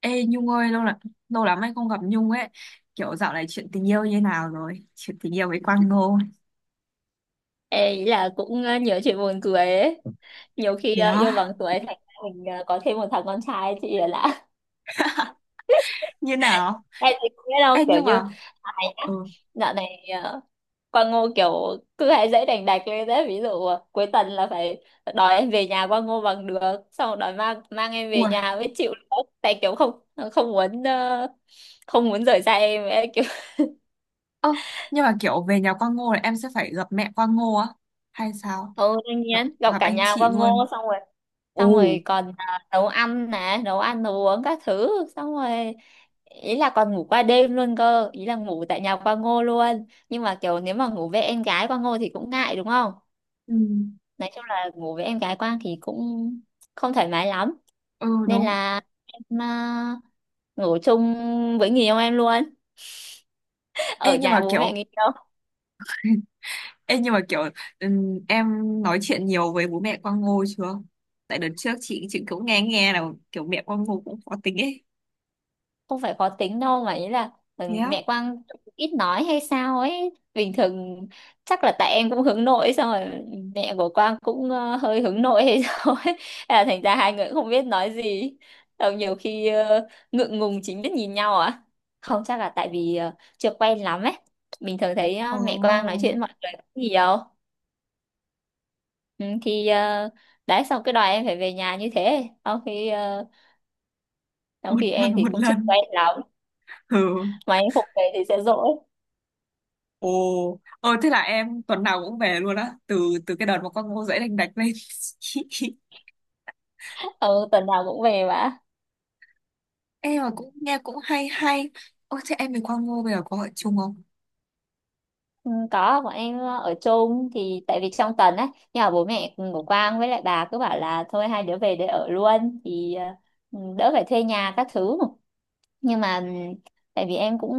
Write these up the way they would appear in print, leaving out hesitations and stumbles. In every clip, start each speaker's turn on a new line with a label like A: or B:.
A: Ê Nhung ơi, lâu lắm anh không gặp Nhung ấy. Kiểu dạo này chuyện tình yêu như nào rồi? Chuyện tình yêu với Quang Ngô?
B: Ê, ý là cũng nhiều chuyện buồn cười ấy. Nhiều khi
A: Thế
B: yêu
A: á?
B: bằng tuổi thành ra mình có thêm một thằng con trai chị là lạ.
A: Như nào?
B: Em thì không biết đâu,
A: Ê
B: kiểu
A: nhưng
B: như
A: mà,
B: ai nhá.
A: ừ.
B: Dạo này Quang Ngô kiểu cứ hay dễ đành đạch lên đấy, ví dụ cuối tuần là phải đòi em về nhà Quang Ngô bằng được, xong rồi đòi mang mang em về
A: Ủa.
B: nhà mới chịu nữa. Tại kiểu không không muốn không muốn rời xa em ấy. Kiểu
A: Ơ, nhưng mà kiểu về nhà Quang Ngô là em sẽ phải gặp mẹ Quang Ngô á hay sao?
B: ừ, đương
A: gặp
B: nhiên gặp
A: gặp
B: cả
A: anh
B: nhà
A: chị
B: Quang
A: luôn?
B: Ngô, xong rồi
A: Ồ.
B: còn à, nấu ăn nè, nấu ăn nấu uống các thứ, xong rồi ý là còn ngủ qua đêm luôn cơ, ý là ngủ tại nhà qua ngô luôn, nhưng mà kiểu nếu mà ngủ với em gái qua ngô thì cũng ngại đúng không.
A: Ừ,
B: Nói chung là ngủ với em gái Quang thì cũng không thoải mái lắm,
A: ừ
B: nên
A: đúng.
B: là em à, ngủ chung với người yêu em luôn ở
A: Ê nhưng mà
B: nhà bố mẹ
A: kiểu.
B: người yêu.
A: Ê nhưng mà kiểu, em nói chuyện nhiều với bố mẹ Quang Ngô chưa? Tại đợt trước chị cũng nghe nghe là kiểu mẹ Quang Ngô cũng khó tính ấy.
B: Không phải khó tính đâu mà ý là
A: Thế
B: ừ,
A: á?
B: mẹ Quang ít nói hay sao ấy bình thường. Chắc là tại em cũng hướng nội ấy, xong rồi mẹ của Quang cũng hơi hướng nội hay sao ấy. Thế là thành ra hai người cũng không biết nói gì, xong nhiều khi ngượng ngùng chính biết nhìn nhau à, không chắc là tại vì chưa quen lắm ấy. Mình thường thấy
A: Ồ.
B: mẹ Quang nói chuyện với mọi người cũng nhiều. Ừ, thì đấy, xong cái đòi em phải về nhà như thế, trong khi trong
A: Một
B: khi
A: tuần
B: em thì
A: một
B: cũng chưa
A: lần?
B: quen lắm,
A: Ừ.
B: mà em không về thì sẽ dỗi.
A: Ồ. Ồ, thế là em tuần nào cũng về luôn á, từ từ cái đợt mà con Ngô dễ đành đạch lên?
B: Ừ, tuần nào cũng về mà.
A: Em mà cũng nghe cũng hay hay. Ôi, thế em với con Ngô bây giờ có ở chung không?
B: Ừ, có bọn em ở chung thì tại vì trong tuần á, nhà bố mẹ của Quang với lại bà cứ bảo là thôi hai đứa về để ở luôn thì ừ, đỡ phải thuê nhà các thứ, nhưng mà ừ, tại vì em cũng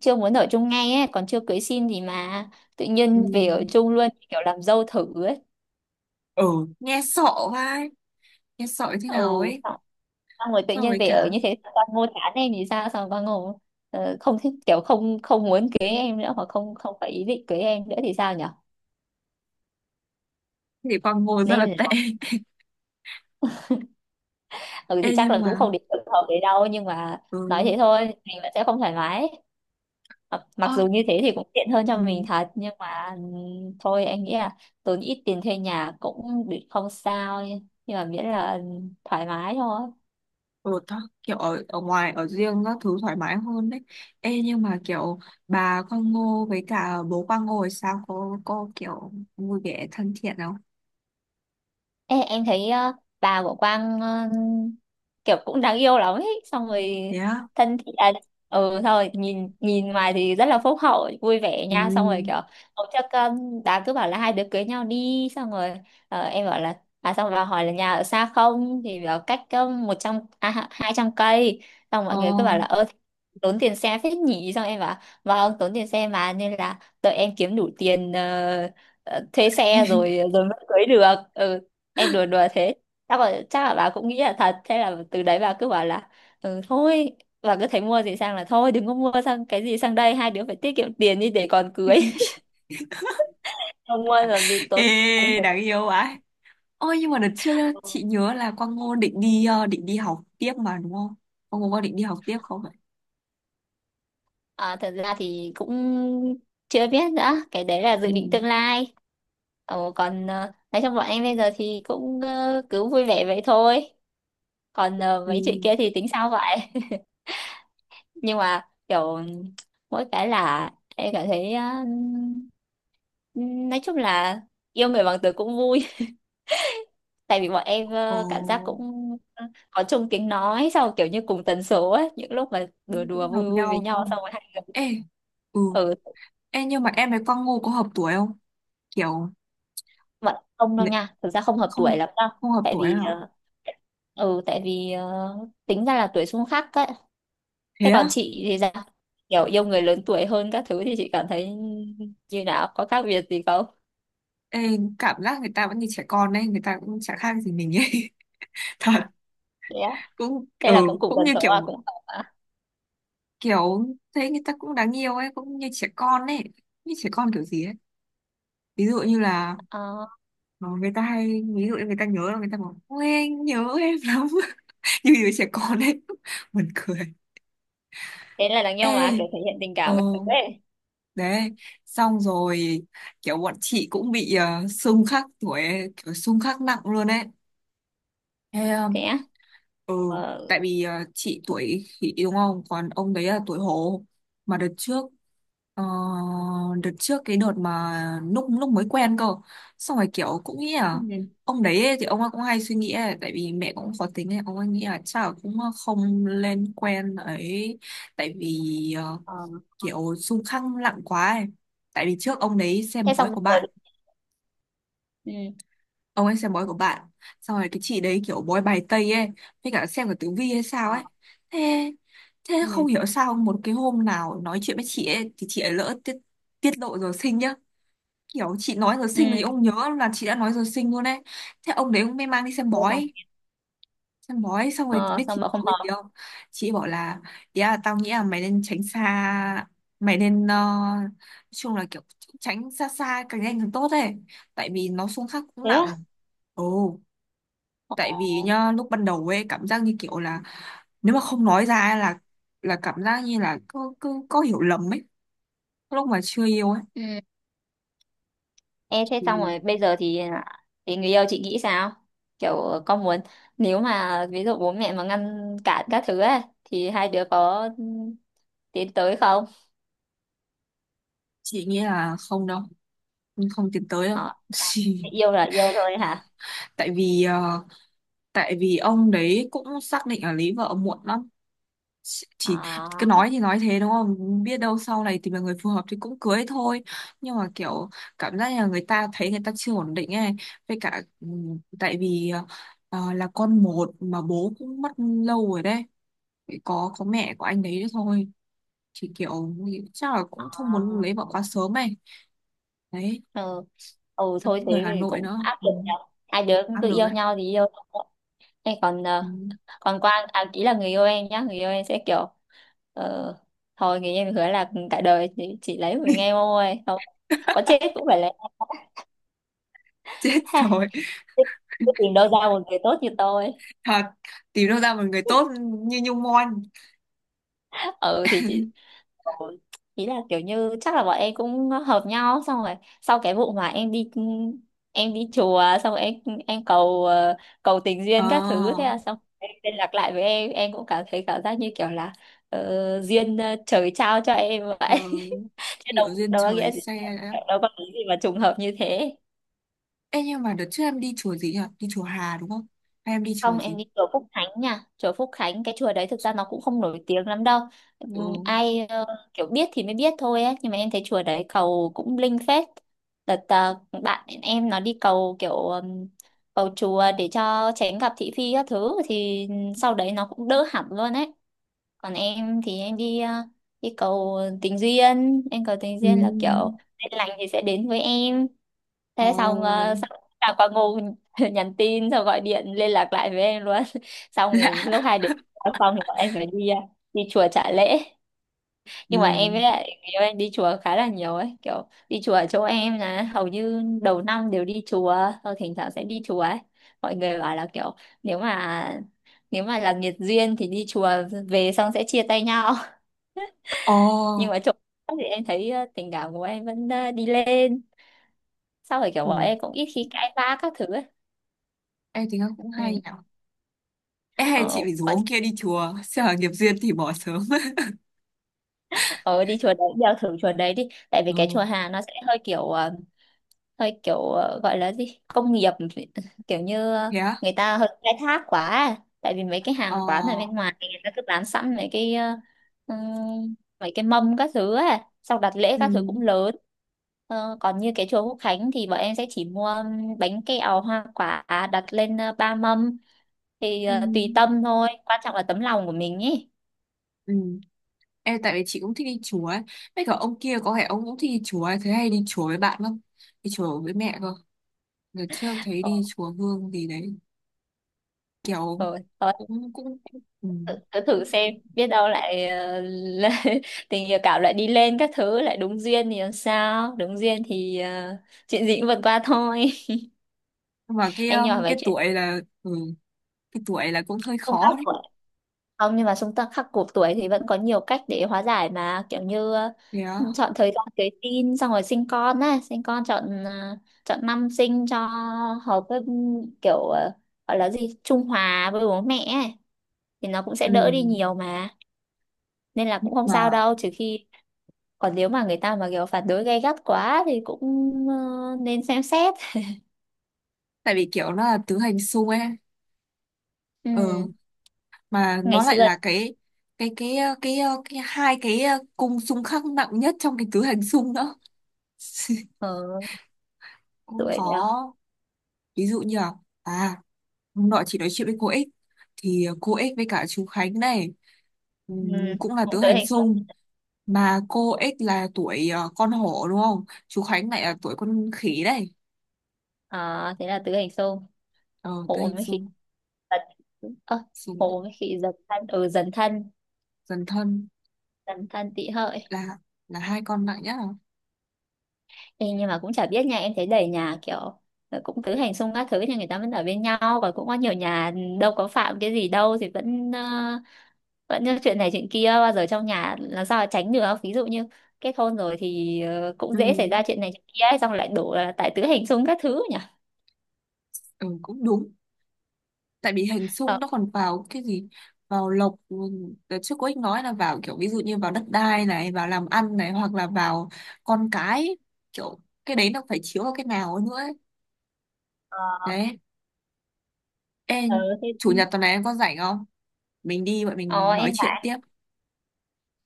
B: chưa muốn ở chung ngay ấy, còn chưa cưới xin gì mà tự
A: Ừ.
B: nhiên về ở chung luôn, kiểu làm dâu thử ấy.
A: Ừ. Nghe sợ. Vai, nghe sợ như thế nào
B: Ừ,
A: ấy.
B: xong xong rồi tự
A: So
B: nhiên
A: với
B: về ở
A: cả
B: như thế, con mua chán em thì sao, xong con ngủ không thích, kiểu không không muốn cưới em nữa, hoặc không không phải ý định cưới em nữa thì sao nhở.
A: thì con Ngô rất là
B: Nên
A: tệ.
B: ừ thì
A: Ê,
B: chắc
A: nhưng
B: là cũng
A: mà,
B: không đến được hợp đấy đâu, nhưng mà nói thế
A: ừ.
B: thôi, mình vẫn sẽ không thoải mái. mặc mặc
A: Ơ,
B: dù như thế thì cũng tiện hơn cho
A: ừ.
B: mình thật, nhưng mà thôi anh nghĩ là tốn ít tiền thuê nhà cũng bị không sao, nhưng mà miễn là thoải mái thôi.
A: Ừ, kiểu ở ngoài ở riêng các thứ thoải mái hơn đấy. Ê nhưng mà kiểu bà Quang Ngô với cả bố Quang Ngô thì sao? Cô kiểu vui vẻ thân thiện không?
B: Ê, em thấy bà của Quang kiểu cũng đáng yêu lắm ấy, xong rồi
A: Thế á?
B: thân thiện à, ừ thôi nhìn nhìn ngoài thì rất là phúc hậu vui vẻ
A: Ừ.
B: nha, xong rồi kiểu hôm trước đã cứ bảo là hai đứa cưới nhau đi, xong rồi em bảo là à, xong rồi hỏi là nhà ở xa không thì bảo cách 100 à, 200 cây. Xong
A: Ờ.
B: mọi người cứ bảo là ơ, tốn tiền xe phết nhỉ, xong em bảo vâng tốn tiền xe, mà nên là đợi em kiếm đủ tiền thuê xe rồi rồi mới cưới được, ừ em đùa đùa thế. Chắc là bà cũng nghĩ là thật. Thế là từ đấy bà cứ bảo là ừ, thôi, bà cứ thấy mua gì sang là thôi đừng có mua sang, cái gì sang đây hai đứa phải tiết kiệm tiền đi để còn cưới. Không mua làm gì
A: Ê,
B: tốn tiền.
A: đáng yêu ấy. Ôi nhưng mà đợt trước á, chị nhớ là Quang Ngô định đi học tiếp mà đúng không? Quang Ngô có định đi học tiếp không ạ?
B: À, thật ra thì cũng chưa biết nữa, cái đấy là
A: Ừ.
B: dự định tương lai. Ồ, còn nói chung bọn em bây giờ thì cũng cứ vui vẻ vậy thôi. Còn
A: Ừ.
B: mấy chuyện kia thì tính sao vậy. Nhưng mà kiểu mỗi cái là em cảm thấy á, nói chung là yêu người bằng từ cũng vui. Tại vì bọn em cảm giác
A: Ồ,
B: cũng có chung tiếng nói, sau kiểu như cùng tần số ấy, những lúc mà đùa
A: cũng
B: đùa
A: cũng
B: vui
A: hợp
B: vui với
A: nhau đúng
B: nhau,
A: không?
B: xong rồi hai người
A: Ê. Ừ.
B: ừ.
A: Ê nhưng mà em với Quang Ngô có hợp tuổi không? Kiểu
B: Bọn không đâu nha, thực ra không hợp tuổi
A: không,
B: lắm đâu.
A: không hợp
B: Tại
A: tuổi hả?
B: vì ừ tại vì ờ, tính ra là tuổi xung khắc ấy. Thế
A: Thế
B: còn
A: á?
B: chị thì sao, kiểu yêu người lớn tuổi hơn các thứ thì chị cảm thấy như nào, có khác biệt gì không.
A: Ê, cảm giác người ta vẫn như trẻ con đấy, người ta cũng chả khác gì mình ấy. Thật. Cũng
B: Thế
A: ừ.
B: là cũng cùng
A: Cũng
B: tần
A: như
B: số à,
A: kiểu,
B: cũng hợp à.
A: kiểu thấy người ta cũng đáng yêu ấy, cũng như trẻ con ấy. Như trẻ con kiểu gì ấy? Ví dụ như là,
B: Ờ,
A: ờ, người ta hay, ví dụ như người ta nhớ là người ta bảo ôi anh nhớ em lắm. Như đứa trẻ con ấy. Buồn cười.
B: thế là đáng nhau mà
A: Ê.
B: kiểu thể hiện tình
A: Ờ.
B: cảm các thứ ấy.
A: Đấy. Xong rồi kiểu bọn chị cũng bị xung khắc tuổi ấy, kiểu xung khắc nặng luôn ấy. Thế
B: Thế á.
A: ừ, tại
B: Ờ.
A: vì chị tuổi khỉ đúng không? Còn ông đấy là tuổi hổ. Mà ờ, đợt trước cái đợt mà lúc lúc mới quen cơ. Xong rồi kiểu cũng nghĩ là
B: Ừ.
A: ông đấy ấy, thì ông ấy cũng hay suy nghĩ ấy, tại vì mẹ cũng khó tính ấy, ông ấy nghĩ là chắc là cũng không lên quen ấy. Tại vì
B: Ờ.
A: kiểu xung khăng lặng quá ấy. Tại vì trước ông đấy
B: Thế
A: xem bói
B: xong
A: của
B: rồi
A: bạn,
B: ừ.
A: ông ấy xem bói của bạn, xong rồi cái chị đấy kiểu bói bài tây ấy với cả xem cả tử vi hay sao
B: Ờ.
A: ấy. Thế thế
B: Ừ.
A: không hiểu sao một cái hôm nào nói chuyện với chị ấy thì chị ấy lỡ tiết tiết lộ giờ sinh nhá, kiểu chị nói giờ sinh mà chị
B: Ừ.
A: không nhớ là chị đã nói giờ sinh luôn ấy. Thế ông đấy ông mới mang đi xem
B: Thế xong
A: bói, xem bói xong rồi
B: ờ,
A: biết chị
B: xong mà
A: bảo
B: không
A: cái gì
B: hợp.
A: không? Chị bảo là, ý là tao nghĩ là mày nên tránh xa, mày nên nói chung là kiểu tránh xa, xa càng nhanh càng tốt ấy, tại vì nó xung khắc cũng
B: Thế
A: nặng.
B: á.
A: Ồ.
B: Ờ.
A: Tại vì nhá lúc ban đầu ấy cảm giác như kiểu là, nếu mà không nói ra ấy là cảm giác như là cứ cứ có hiểu lầm ấy, lúc mà chưa yêu ấy.
B: Ừ. Ê, thế xong
A: Thì
B: rồi bây giờ thì à, thì người yêu chị nghĩ sao, kiểu con muốn, nếu mà ví dụ bố mẹ mà ngăn cản các thứ ấy thì hai đứa có ừ, tiến tới không.
A: chị nghĩ là không đâu, không tiến tới đâu.
B: Ờ. À, yêu là yêu thôi hả.
A: Tại vì tại vì ông đấy cũng xác định là lấy vợ muộn lắm, chỉ, cứ nói thì nói thế đúng không biết đâu sau này tìm được người phù hợp thì cũng cưới thôi. Nhưng mà kiểu, cảm giác là người ta thấy người ta chưa ổn định ấy, với cả ừ, tại vì, ờ, là con một mà bố cũng mất lâu rồi đấy. Chỉ có mẹ của anh đấy thôi, thì kiểu chắc là cũng không muốn
B: Ờ.
A: lấy vợ quá sớm ấy. Đấy.
B: Ừ. Ừ
A: Nó
B: thôi
A: cũng
B: thế
A: người Hà
B: thì
A: Nội
B: cũng
A: nữa,
B: áp
A: ừ.
B: lực nhở, hai đứa cũng
A: Áp
B: tự
A: lực
B: yêu
A: ấy.
B: nhau thì yêu thôi. Em còn
A: Ừ.
B: còn Quang à, ý là người yêu em nhá, người yêu em sẽ kiểu ờ, thôi, người yêu em hứa là cả đời chỉ lấy của mình em thôi, không có chết cũng phải lấy.
A: Chết
B: Ha,
A: rồi.
B: thế- thế tìm đâu ra một người tốt như tôi.
A: Thật, tìm đâu ra một người tốt như Nhung Mon.
B: Ừ thì chị. Ừ. Ý là kiểu như chắc là bọn em cũng hợp nhau, xong rồi sau cái vụ mà em đi, em đi chùa, xong rồi em cầu cầu tình
A: Ờ.
B: duyên các thứ, thế là xong em liên lạc lại với em cũng cảm thấy cảm giác như kiểu là duyên trời trao cho em
A: Ờ,
B: vậy. Chứ đâu,
A: kiểu duyên
B: đâu có nghĩa
A: trời
B: gì,
A: xe đấy. Á.
B: đâu có cái gì mà trùng hợp như thế.
A: Ê nhưng mà đợt trước em đi chùa gì nhỉ? Đi chùa Hà đúng không? Hay em đi chùa
B: Không, em
A: gì?
B: đi chùa Phúc Khánh nha. Chùa Phúc Khánh, cái chùa đấy thực ra nó cũng không nổi tiếng lắm đâu.
A: Ừ.
B: Ai kiểu biết thì mới biết thôi ấy. Nhưng mà em thấy chùa đấy cầu cũng linh phết. Đợt bạn em nó đi cầu kiểu cầu chùa để cho tránh gặp thị phi các thứ. Thì sau đấy nó cũng đỡ hẳn luôn ấy. Còn em thì em đi đi cầu tình duyên. Em cầu tình
A: Ừ.
B: duyên là kiểu duyên lành thì sẽ đến với em,
A: Ồ.
B: thế xong xong là quả ngu nhắn tin xong gọi điện liên lạc lại với em luôn. Xong thì lúc
A: Lạ.
B: hai đứa ở phòng thì bọn em phải đi đi chùa trả lễ.
A: Ừ.
B: Nhưng mà em với lại người yêu em đi chùa khá là nhiều ấy, kiểu đi chùa ở chỗ em là hầu như đầu năm đều đi chùa, rồi thỉnh thoảng sẽ đi chùa ấy. Mọi người bảo là kiểu nếu mà là nghiệt duyên thì đi chùa về xong sẽ chia tay nhau.
A: Ồ.
B: Nhưng mà chỗ thì em thấy tình cảm của em vẫn đi lên, sau rồi kiểu
A: Ừ.
B: bọn em cũng ít khi cãi vã các thứ ấy.
A: Ê, tính cũng hay
B: Ừ.
A: nhỉ. Ê, hay chị phải rủ
B: Ờ,
A: ông
B: đi-
A: kia đi chùa. Sợ nghiệp duyên thì bỏ sớm.
B: ờ đi chùa đấy, đeo thử chùa đấy đi. Tại vì cái chùa
A: Ừ.
B: Hà nó sẽ hơi kiểu hơi kiểu gọi là gì? Công nghiệp, kiểu như
A: Thế á?
B: người ta hơi khai thác quá. À. Tại vì mấy cái
A: Ờ.
B: hàng quán ở bên ngoài thì người ta cứ bán sẵn mấy cái mấy cái mâm các thứ á, xong đặt lễ
A: Ừ.
B: các thứ cũng lớn. Ờ, còn như cái chùa Quốc Khánh thì bọn em sẽ chỉ mua bánh kẹo hoa quả đặt lên 3 mâm, thì
A: Ừ.
B: tùy tâm thôi, quan trọng là tấm lòng của mình ý.
A: Ừ. Ê, tại vì chị cũng thích đi chùa ấy. Mấy cả ông kia có vẻ ông cũng thích đi chùa ấy. Thế hay đi chùa với bạn không? Đi chùa với mẹ cơ. Đợt trước thấy
B: Ờ,
A: đi chùa Hương gì đấy, kiểu
B: ờ, ờ.
A: cũng cũng, cũng ừ.
B: Cứ thử xem, biết đâu lại là- tình yêu cảm lại đi lên các thứ, lại đúng duyên thì làm sao, đúng duyên thì chuyện gì cũng vượt qua thôi.
A: Nhưng mà
B: Anh nhỏ về chuyện
A: cái tuổi là cũng hơi
B: xung
A: khó
B: khắc
A: đấy.
B: tuổi không, nhưng mà xung khắc khắc cuộc tuổi thì vẫn có nhiều cách để hóa giải mà, kiểu như
A: Thế á?
B: chọn thời gian cưới tin, xong rồi sinh con á, sinh con chọn chọn năm sinh cho hợp với kiểu gọi là gì, trung hòa với bố mẹ ấy. Thì nó cũng sẽ
A: Ừ.
B: đỡ đi nhiều mà, nên là
A: Nhưng
B: cũng không
A: mà,
B: sao đâu, trừ khi, còn nếu mà người ta mà kiểu phản đối gay gắt quá thì cũng ờ, nên xem xét.
A: tại vì kiểu nó là tứ hành xung ấy.
B: Ừ.
A: Ừ. Mà
B: Ngày
A: nó lại
B: xưa
A: là cái cái cái hai cái cung xung khắc nặng nhất trong cái tứ hành xung nữa.
B: ờ,
A: Cũng
B: tuổi đó
A: khó. Ví dụ như là, à, hôm nọ chị nói chuyện với cô X, thì cô X với cả chú Khánh này
B: ừ.
A: cũng là tứ
B: Cũng tử
A: hành
B: hình xung.
A: xung. Mà cô X là tuổi con hổ đúng không? Chú Khánh lại là tuổi con khỉ đấy.
B: À, thế là tử hình xung,
A: Ờ, tứ
B: hộ
A: hành
B: mấy khi
A: xung.
B: giật ờ,
A: Xung.
B: hộ mấy khi dần thân, ừ dần thân,
A: Dần thân.
B: dần thân tị hợi.
A: Là, hai con nặng nhất à?
B: Ê, nhưng mà cũng chả biết nha, em thấy đầy nhà kiểu cũng tứ hành xung các thứ thì người ta vẫn ở bên nhau, và cũng có nhiều nhà ừ, đâu có phạm cái gì đâu thì vẫn vẫn như chuyện này chuyện kia, bao giờ trong nhà làm sao mà tránh được, ví dụ như kết hôn rồi thì cũng
A: Ừ.
B: dễ xảy ra chuyện này chuyện kia ấy, xong lại đổ là tại tứ hành xung các thứ nhỉ.
A: Ừ, cũng đúng. Tại vì hình xung
B: Ờ.
A: nó còn vào cái gì? Vào lộc, ừ, đợt trước cô ấy nói là vào kiểu ví dụ như vào đất đai này, vào làm ăn này, hoặc là vào con cái, kiểu cái đấy nó phải chiếu vào cái nào ấy nữa ấy.
B: Ờ.
A: Đấy. Ê,
B: Ờ, thế
A: chủ nhật tuần này em có rảnh không? Mình đi, bọn
B: ờ
A: mình
B: em
A: nói chuyện
B: phải
A: tiếp.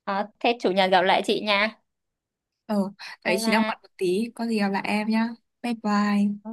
B: ờ, thế chủ nhật gặp lại chị nha,
A: Ờ, đấy
B: bye
A: chị đang
B: bye.
A: bận một tí, có gì gặp lại em nhá. Bye bye.